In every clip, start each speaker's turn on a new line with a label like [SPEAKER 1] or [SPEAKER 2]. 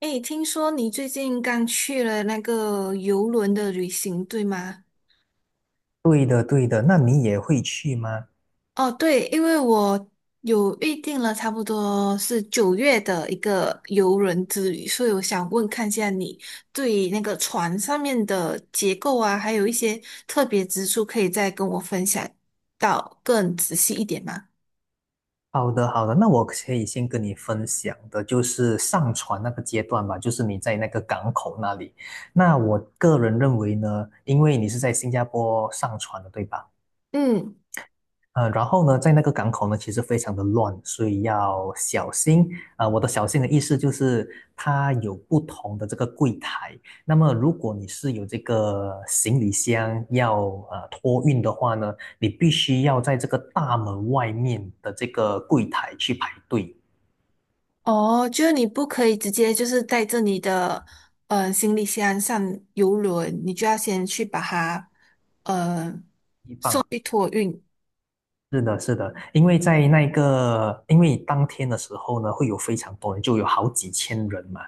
[SPEAKER 1] 诶，听说你最近刚去了那个游轮的旅行，对吗？
[SPEAKER 2] 对的，对的，那你也会去吗？
[SPEAKER 1] 哦，对，因为我有预定了，差不多是9月的一个游轮之旅，所以我想问看一下你对那个船上面的结构啊，还有一些特别之处，可以再跟我分享到更仔细一点吗？
[SPEAKER 2] 好的，好的，那我可以先跟你分享的就是上船那个阶段吧，就是你在那个港口那里。那我个人认为呢，因为你是在新加坡上船的，对吧？
[SPEAKER 1] 嗯。
[SPEAKER 2] 然后呢，在那个港口呢，其实非常的乱，所以要小心。我的小心的意思就是，它有不同的这个柜台。那么，如果你是有这个行李箱要托运的话呢，你必须要在这个大门外面的这个柜台去排队。
[SPEAKER 1] 哦，就是你不可以直接就是带着你的行李箱上游轮，你就要先去把它呃
[SPEAKER 2] 一放
[SPEAKER 1] 去托运。
[SPEAKER 2] 是的，是的，因为在那个，因为当天的时候呢，会有非常多人，就有好几千人嘛，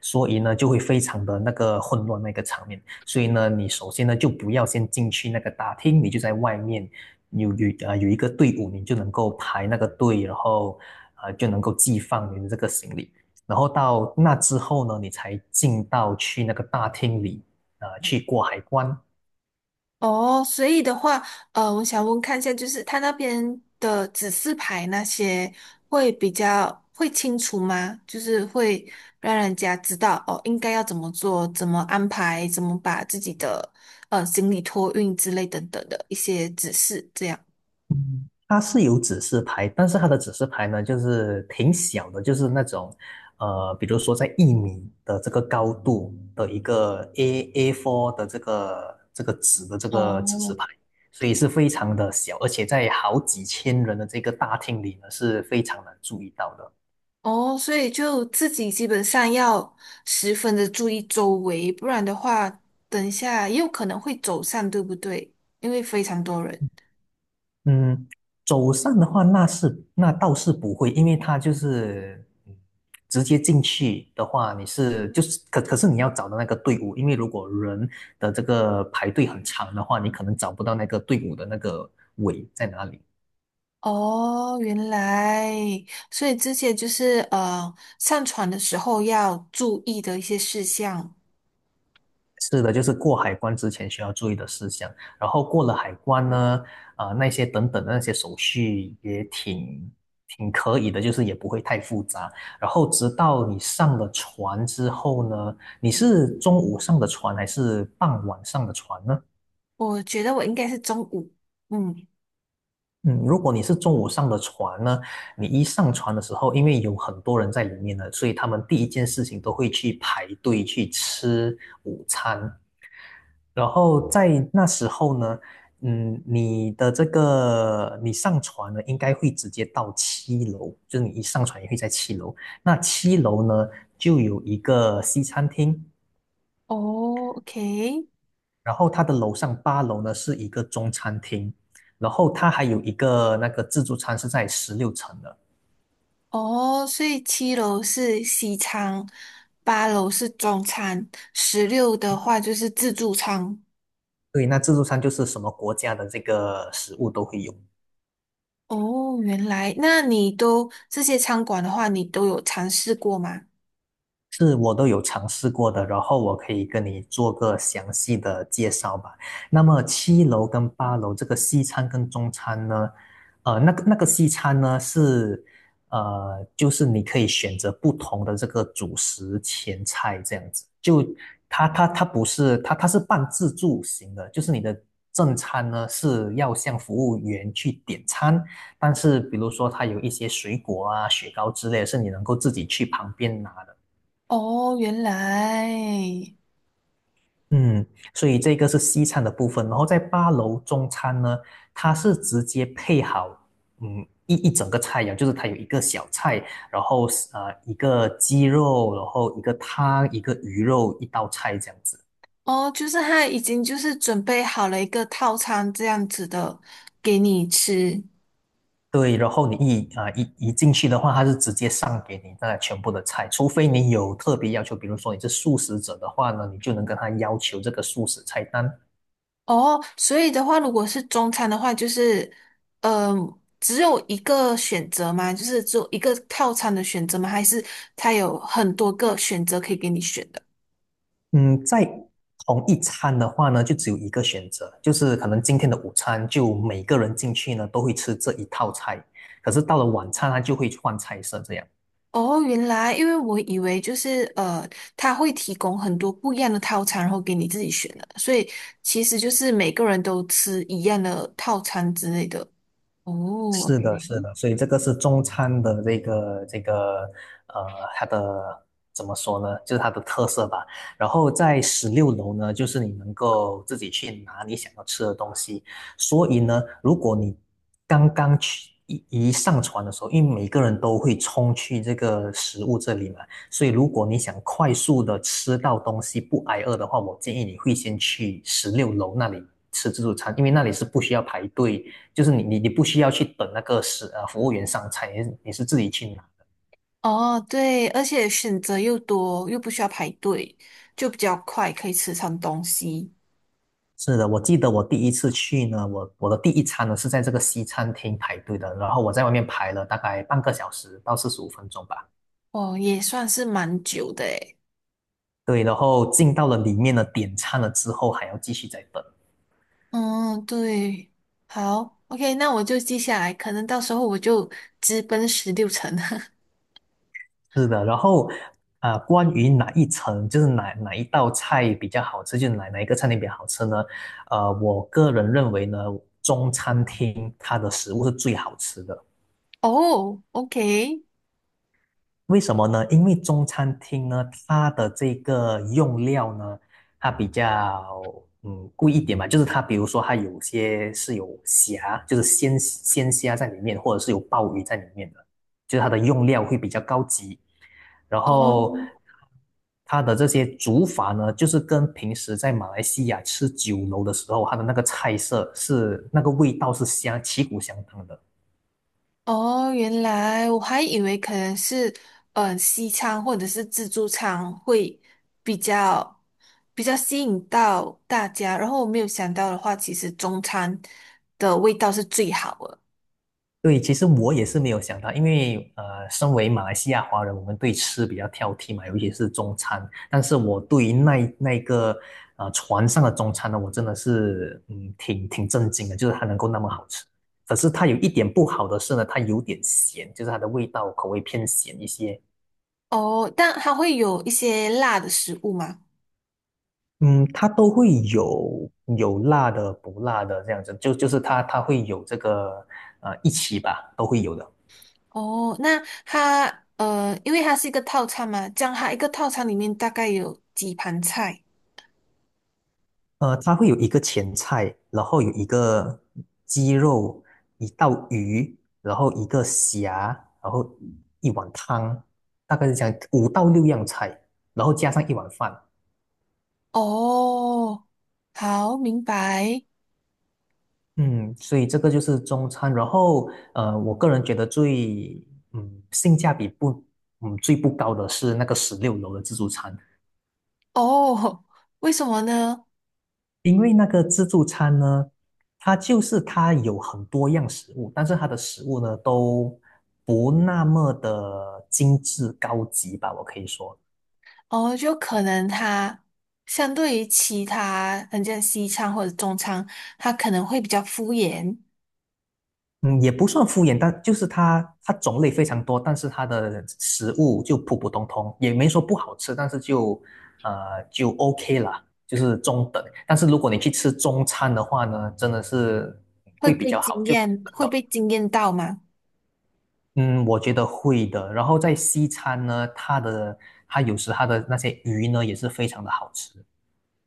[SPEAKER 2] 所以呢，就会非常的那个混乱那个场面。所以呢，你首先呢，就不要先进去那个大厅，你就在外面有一个队伍，你就能够排那个队，然后就能够寄放你的这个行李。然后到那之后呢，你才进到去那个大厅里，去过海关。
[SPEAKER 1] 哦，所以的话，我想问看一下，就是他那边的指示牌那些会比较会清楚吗？就是会让人家知道哦，应该要怎么做，怎么安排，怎么把自己的行李托运之类等等的一些指示，这样。
[SPEAKER 2] 嗯，它是有指示牌，但是它的指示牌呢，就是挺小的，就是那种，比如说在1米的这个高度的一个 A4 的这个这个纸的这个指示
[SPEAKER 1] 哦
[SPEAKER 2] 牌，所以是非常的小，而且在好几千人的这个大厅里呢，是非常难注意到的。
[SPEAKER 1] 哦，所以就自己基本上要十分的注意周围，不然的话，等一下也有可能会走散，对不对？因为非常多人。
[SPEAKER 2] 嗯，走上的话，那倒是不会，因为他就是直接进去的话，你是就是可是你要找到那个队伍，因为如果人的这个排队很长的话，你可能找不到那个队伍的那个尾在哪里。
[SPEAKER 1] 哦，原来，所以这些就是上船的时候要注意的一些事项。
[SPEAKER 2] 是的，就是过海关之前需要注意的事项，然后过了海关呢，那些等等的那些手续也挺可以的，就是也不会太复杂。然后直到你上了船之后呢，你是中午上的船还是傍晚上的船呢？
[SPEAKER 1] 我觉得我应该是中午，嗯，
[SPEAKER 2] 嗯，如果你是中午上的船呢，你一上船的时候，因为有很多人在里面呢，所以他们第一件事情都会去排队去吃午餐。然后在那时候呢，你的这个你上船呢，应该会直接到七楼，就是你一上船也会在七楼。那七楼呢，就有一个西餐厅，
[SPEAKER 1] 哦，OK，
[SPEAKER 2] 然后它的楼上八楼呢是一个中餐厅，然后它还有一个那个自助餐是在16层的。
[SPEAKER 1] 哦，所以7楼是西餐，8楼是中餐，十六的话就是自助餐。
[SPEAKER 2] 对，那自助餐就是什么国家的这个食物都会有。
[SPEAKER 1] 哦，原来，那你都这些餐馆的话，你都有尝试过吗？
[SPEAKER 2] 是我都有尝试过的，然后我可以跟你做个详细的介绍吧。那么七楼跟八楼这个西餐跟中餐呢，那个西餐呢是，就是你可以选择不同的这个主食前菜这样子，就它不是它是半自助型的，就是你的正餐呢是要向服务员去点餐，但是比如说它有一些水果啊、雪糕之类的是你能够自己去旁边拿的。
[SPEAKER 1] 哦，原来，
[SPEAKER 2] 嗯，所以这个是西餐的部分，然后在八楼中餐呢，它是直接配好，一整个菜肴，就是它有一个小菜，然后一个鸡肉，然后一个汤，一个鱼肉，一道菜这样子。
[SPEAKER 1] 哦，就是他已经就是准备好了一个套餐这样子的给你吃。
[SPEAKER 2] 对，然后你一啊、呃一一进去的话，它是直接上给你那全部的菜，除非你有特别要求，比如说你是素食者的话呢，你就能跟他要求这个素食菜单；
[SPEAKER 1] 哦，所以的话，如果是中餐的话，就是，只有一个选择吗？就是只有一个套餐的选择吗？还是他有很多个选择可以给你选的？
[SPEAKER 2] 嗯，在同一餐的话呢，就只有一个选择，就是可能今天的午餐就每个人进去呢都会吃这一套菜，可是到了晚餐它就会换菜色这样。
[SPEAKER 1] 哦，原来，因为我以为就是他会提供很多不一样的套餐，然后给你自己选的，所以其实就是每个人都吃一样的套餐之类的。哦，OK，
[SPEAKER 2] 是的，是的，所以这个是中餐的这个这个呃，它的怎么说呢？就是它的特色吧。然后在十六楼呢，就是你能够自己去拿你想要吃的东西。所以呢，如果你刚刚去一上船的时候，因为每个人都会冲去这个食物这里嘛，所以如果你想快速的吃到东西不挨饿的话，我建议你会先去十六楼那里吃自助餐，因为那里是不需要排队。就是你不需要去等那个服务员上菜，你是自己去拿。
[SPEAKER 1] 哦，对，而且选择又多，又不需要排队，就比较快，可以吃上东西。
[SPEAKER 2] 是的，我记得我第一次去呢，我的第一餐呢是在这个西餐厅排队的，然后我在外面排了大概半个小时到45分钟吧。
[SPEAKER 1] 哦，也算是蛮久的诶。
[SPEAKER 2] 对，然后进到了里面呢，点餐了之后还要继续再等。
[SPEAKER 1] 嗯，对，好，OK，那我就记下来，可能到时候我就直奔16层。
[SPEAKER 2] 是的，然后关于哪一层，就是哪一道菜比较好吃，就是哪一个餐厅比较好吃呢？我个人认为呢，中餐厅它的食物是最好吃的。
[SPEAKER 1] 哦，OK。
[SPEAKER 2] 为什么呢？因为中餐厅呢，它的这个用料呢，它比较贵一点嘛，就是它比如说它有些是有虾，就是鲜虾在里面，或者是有鲍鱼在里面的，就是它的用料会比较高级。然后
[SPEAKER 1] 哦，
[SPEAKER 2] 它的这些煮法呢，就是跟平时在马来西亚吃酒楼的时候，它的那个菜色是那个味道是相旗鼓相当的。
[SPEAKER 1] 哦，原来我还以为可能是，西餐或者是自助餐会比较比较吸引到大家，然后我没有想到的话，其实中餐的味道是最好的。
[SPEAKER 2] 对，其实我也是没有想到，因为身为马来西亚华人，我们对吃比较挑剔嘛，尤其是中餐。但是我对于那个船上的中餐呢，我真的是挺震惊的，就是它能够那么好吃。可是它有一点不好的是呢，它有点咸，就是它的味道口味偏咸一些。
[SPEAKER 1] 哦，但它会有一些辣的食物吗？
[SPEAKER 2] 嗯，它都会有辣的、不辣的这样子，就是它会有这个一起吧，都会有的。
[SPEAKER 1] 哦，那它因为它是一个套餐嘛，这样它一个套餐里面大概有几盘菜？
[SPEAKER 2] 它会有一个前菜，然后有一个鸡肉，一道鱼，然后一个虾，然后一碗汤，大概是这样，五到六样菜，然后加上一碗饭。
[SPEAKER 1] 哦，好，明白。
[SPEAKER 2] 嗯，所以这个就是中餐。然后，我个人觉得最，性价比不，最不高的是那个十六楼的自助餐。
[SPEAKER 1] 哦，为什么呢？
[SPEAKER 2] 因为那个自助餐呢，它就是它有很多样食物，但是它的食物呢都不那么的精致高级吧，我可以说，
[SPEAKER 1] 哦，就可能它相对于其他人像西餐或者中餐，它可能会比较敷衍，
[SPEAKER 2] 嗯，也不算敷衍，但就是它种类非常多，但是它的食物就普普通通，也没说不好吃，但是就就 OK 了，就是中等。但是如果你去吃中餐的话呢，真的是会比较好，
[SPEAKER 1] 会被惊艳到嘛？
[SPEAKER 2] 我觉得会的。然后在西餐呢，它有时它的那些鱼呢也是非常的好吃。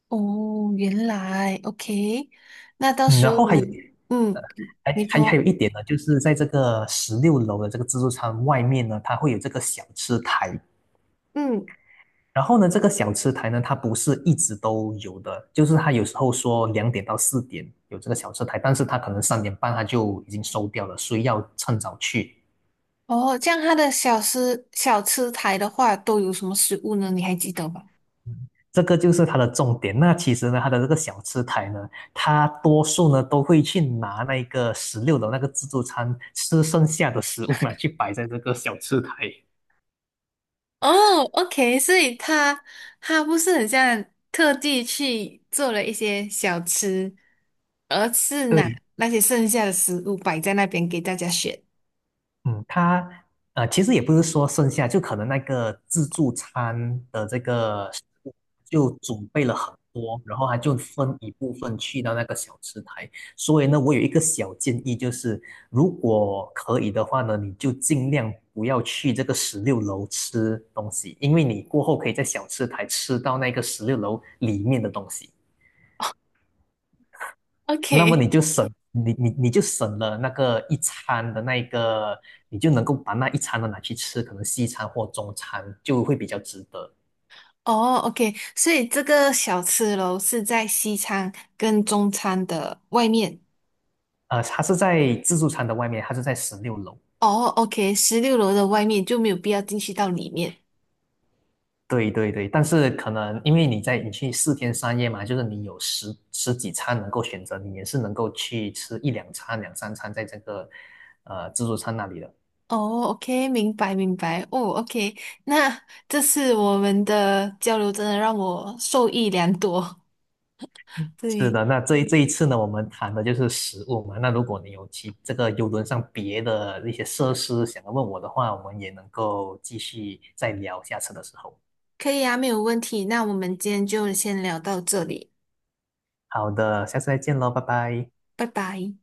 [SPEAKER 1] 哦，原来，OK，那到
[SPEAKER 2] 嗯，
[SPEAKER 1] 时
[SPEAKER 2] 然
[SPEAKER 1] 候
[SPEAKER 2] 后
[SPEAKER 1] 我，嗯，你
[SPEAKER 2] 还
[SPEAKER 1] 说，
[SPEAKER 2] 有一点呢，就是在这个十六楼的这个自助餐外面呢，它会有这个小吃台。
[SPEAKER 1] 嗯，
[SPEAKER 2] 然后呢，这个小吃台呢，它不是一直都有的，就是它有时候说2点到4点有这个小吃台，但是它可能3点半它就已经收掉了，所以要趁早去。
[SPEAKER 1] 哦，这样它的小吃台的话都有什么食物呢？你还记得吗？
[SPEAKER 2] 这个就是它的重点。那其实呢，它的这个小吃台呢，它多数呢都会去拿那个十六楼那个自助餐吃剩下的食物嘛，去摆在这个小吃台。
[SPEAKER 1] 哦，OK，所以他不是很像特地去做了一些小吃，而是拿
[SPEAKER 2] 对，
[SPEAKER 1] 那些剩下的食物摆在那边给大家选。
[SPEAKER 2] 嗯，他其实也不是说剩下，就可能那个自助餐的这个食物就准备了很多，然后他就分一部分去到那个小吃台。所以呢，我有一个小建议，就是如果可以的话呢，你就尽量不要去这个十六楼吃东西，因为你过后可以在小吃台吃到那个十六楼里面的东西。那么
[SPEAKER 1] OK，
[SPEAKER 2] 你就省了那个一餐的那一个，你就能够把那一餐的拿去吃，可能西餐或中餐就会比较值得。
[SPEAKER 1] 哦，OK，所以这个小吃楼是在西餐跟中餐的外面。
[SPEAKER 2] 它是在自助餐的外面，它是在十六楼。
[SPEAKER 1] 哦，OK，16楼的外面就没有必要进去到里面。
[SPEAKER 2] 对对对，但是可能因为你去4天3夜嘛，就是你有十几餐能够选择，你也是能够去吃一两餐、两三餐在这个自助餐那里的。
[SPEAKER 1] 哦，OK，明白明白。哦，OK，那这次我们的交流真的让我受益良多。
[SPEAKER 2] 是
[SPEAKER 1] 对。
[SPEAKER 2] 的，那这一次呢，我们谈的就是食物嘛。那如果你有这个游轮上别的一些设施想要问我的话，我们也能够继续再聊下次的时候。
[SPEAKER 1] 可以啊，没有问题。那我们今天就先聊到这里，
[SPEAKER 2] 好的，下次再见喽，拜拜。
[SPEAKER 1] 拜拜。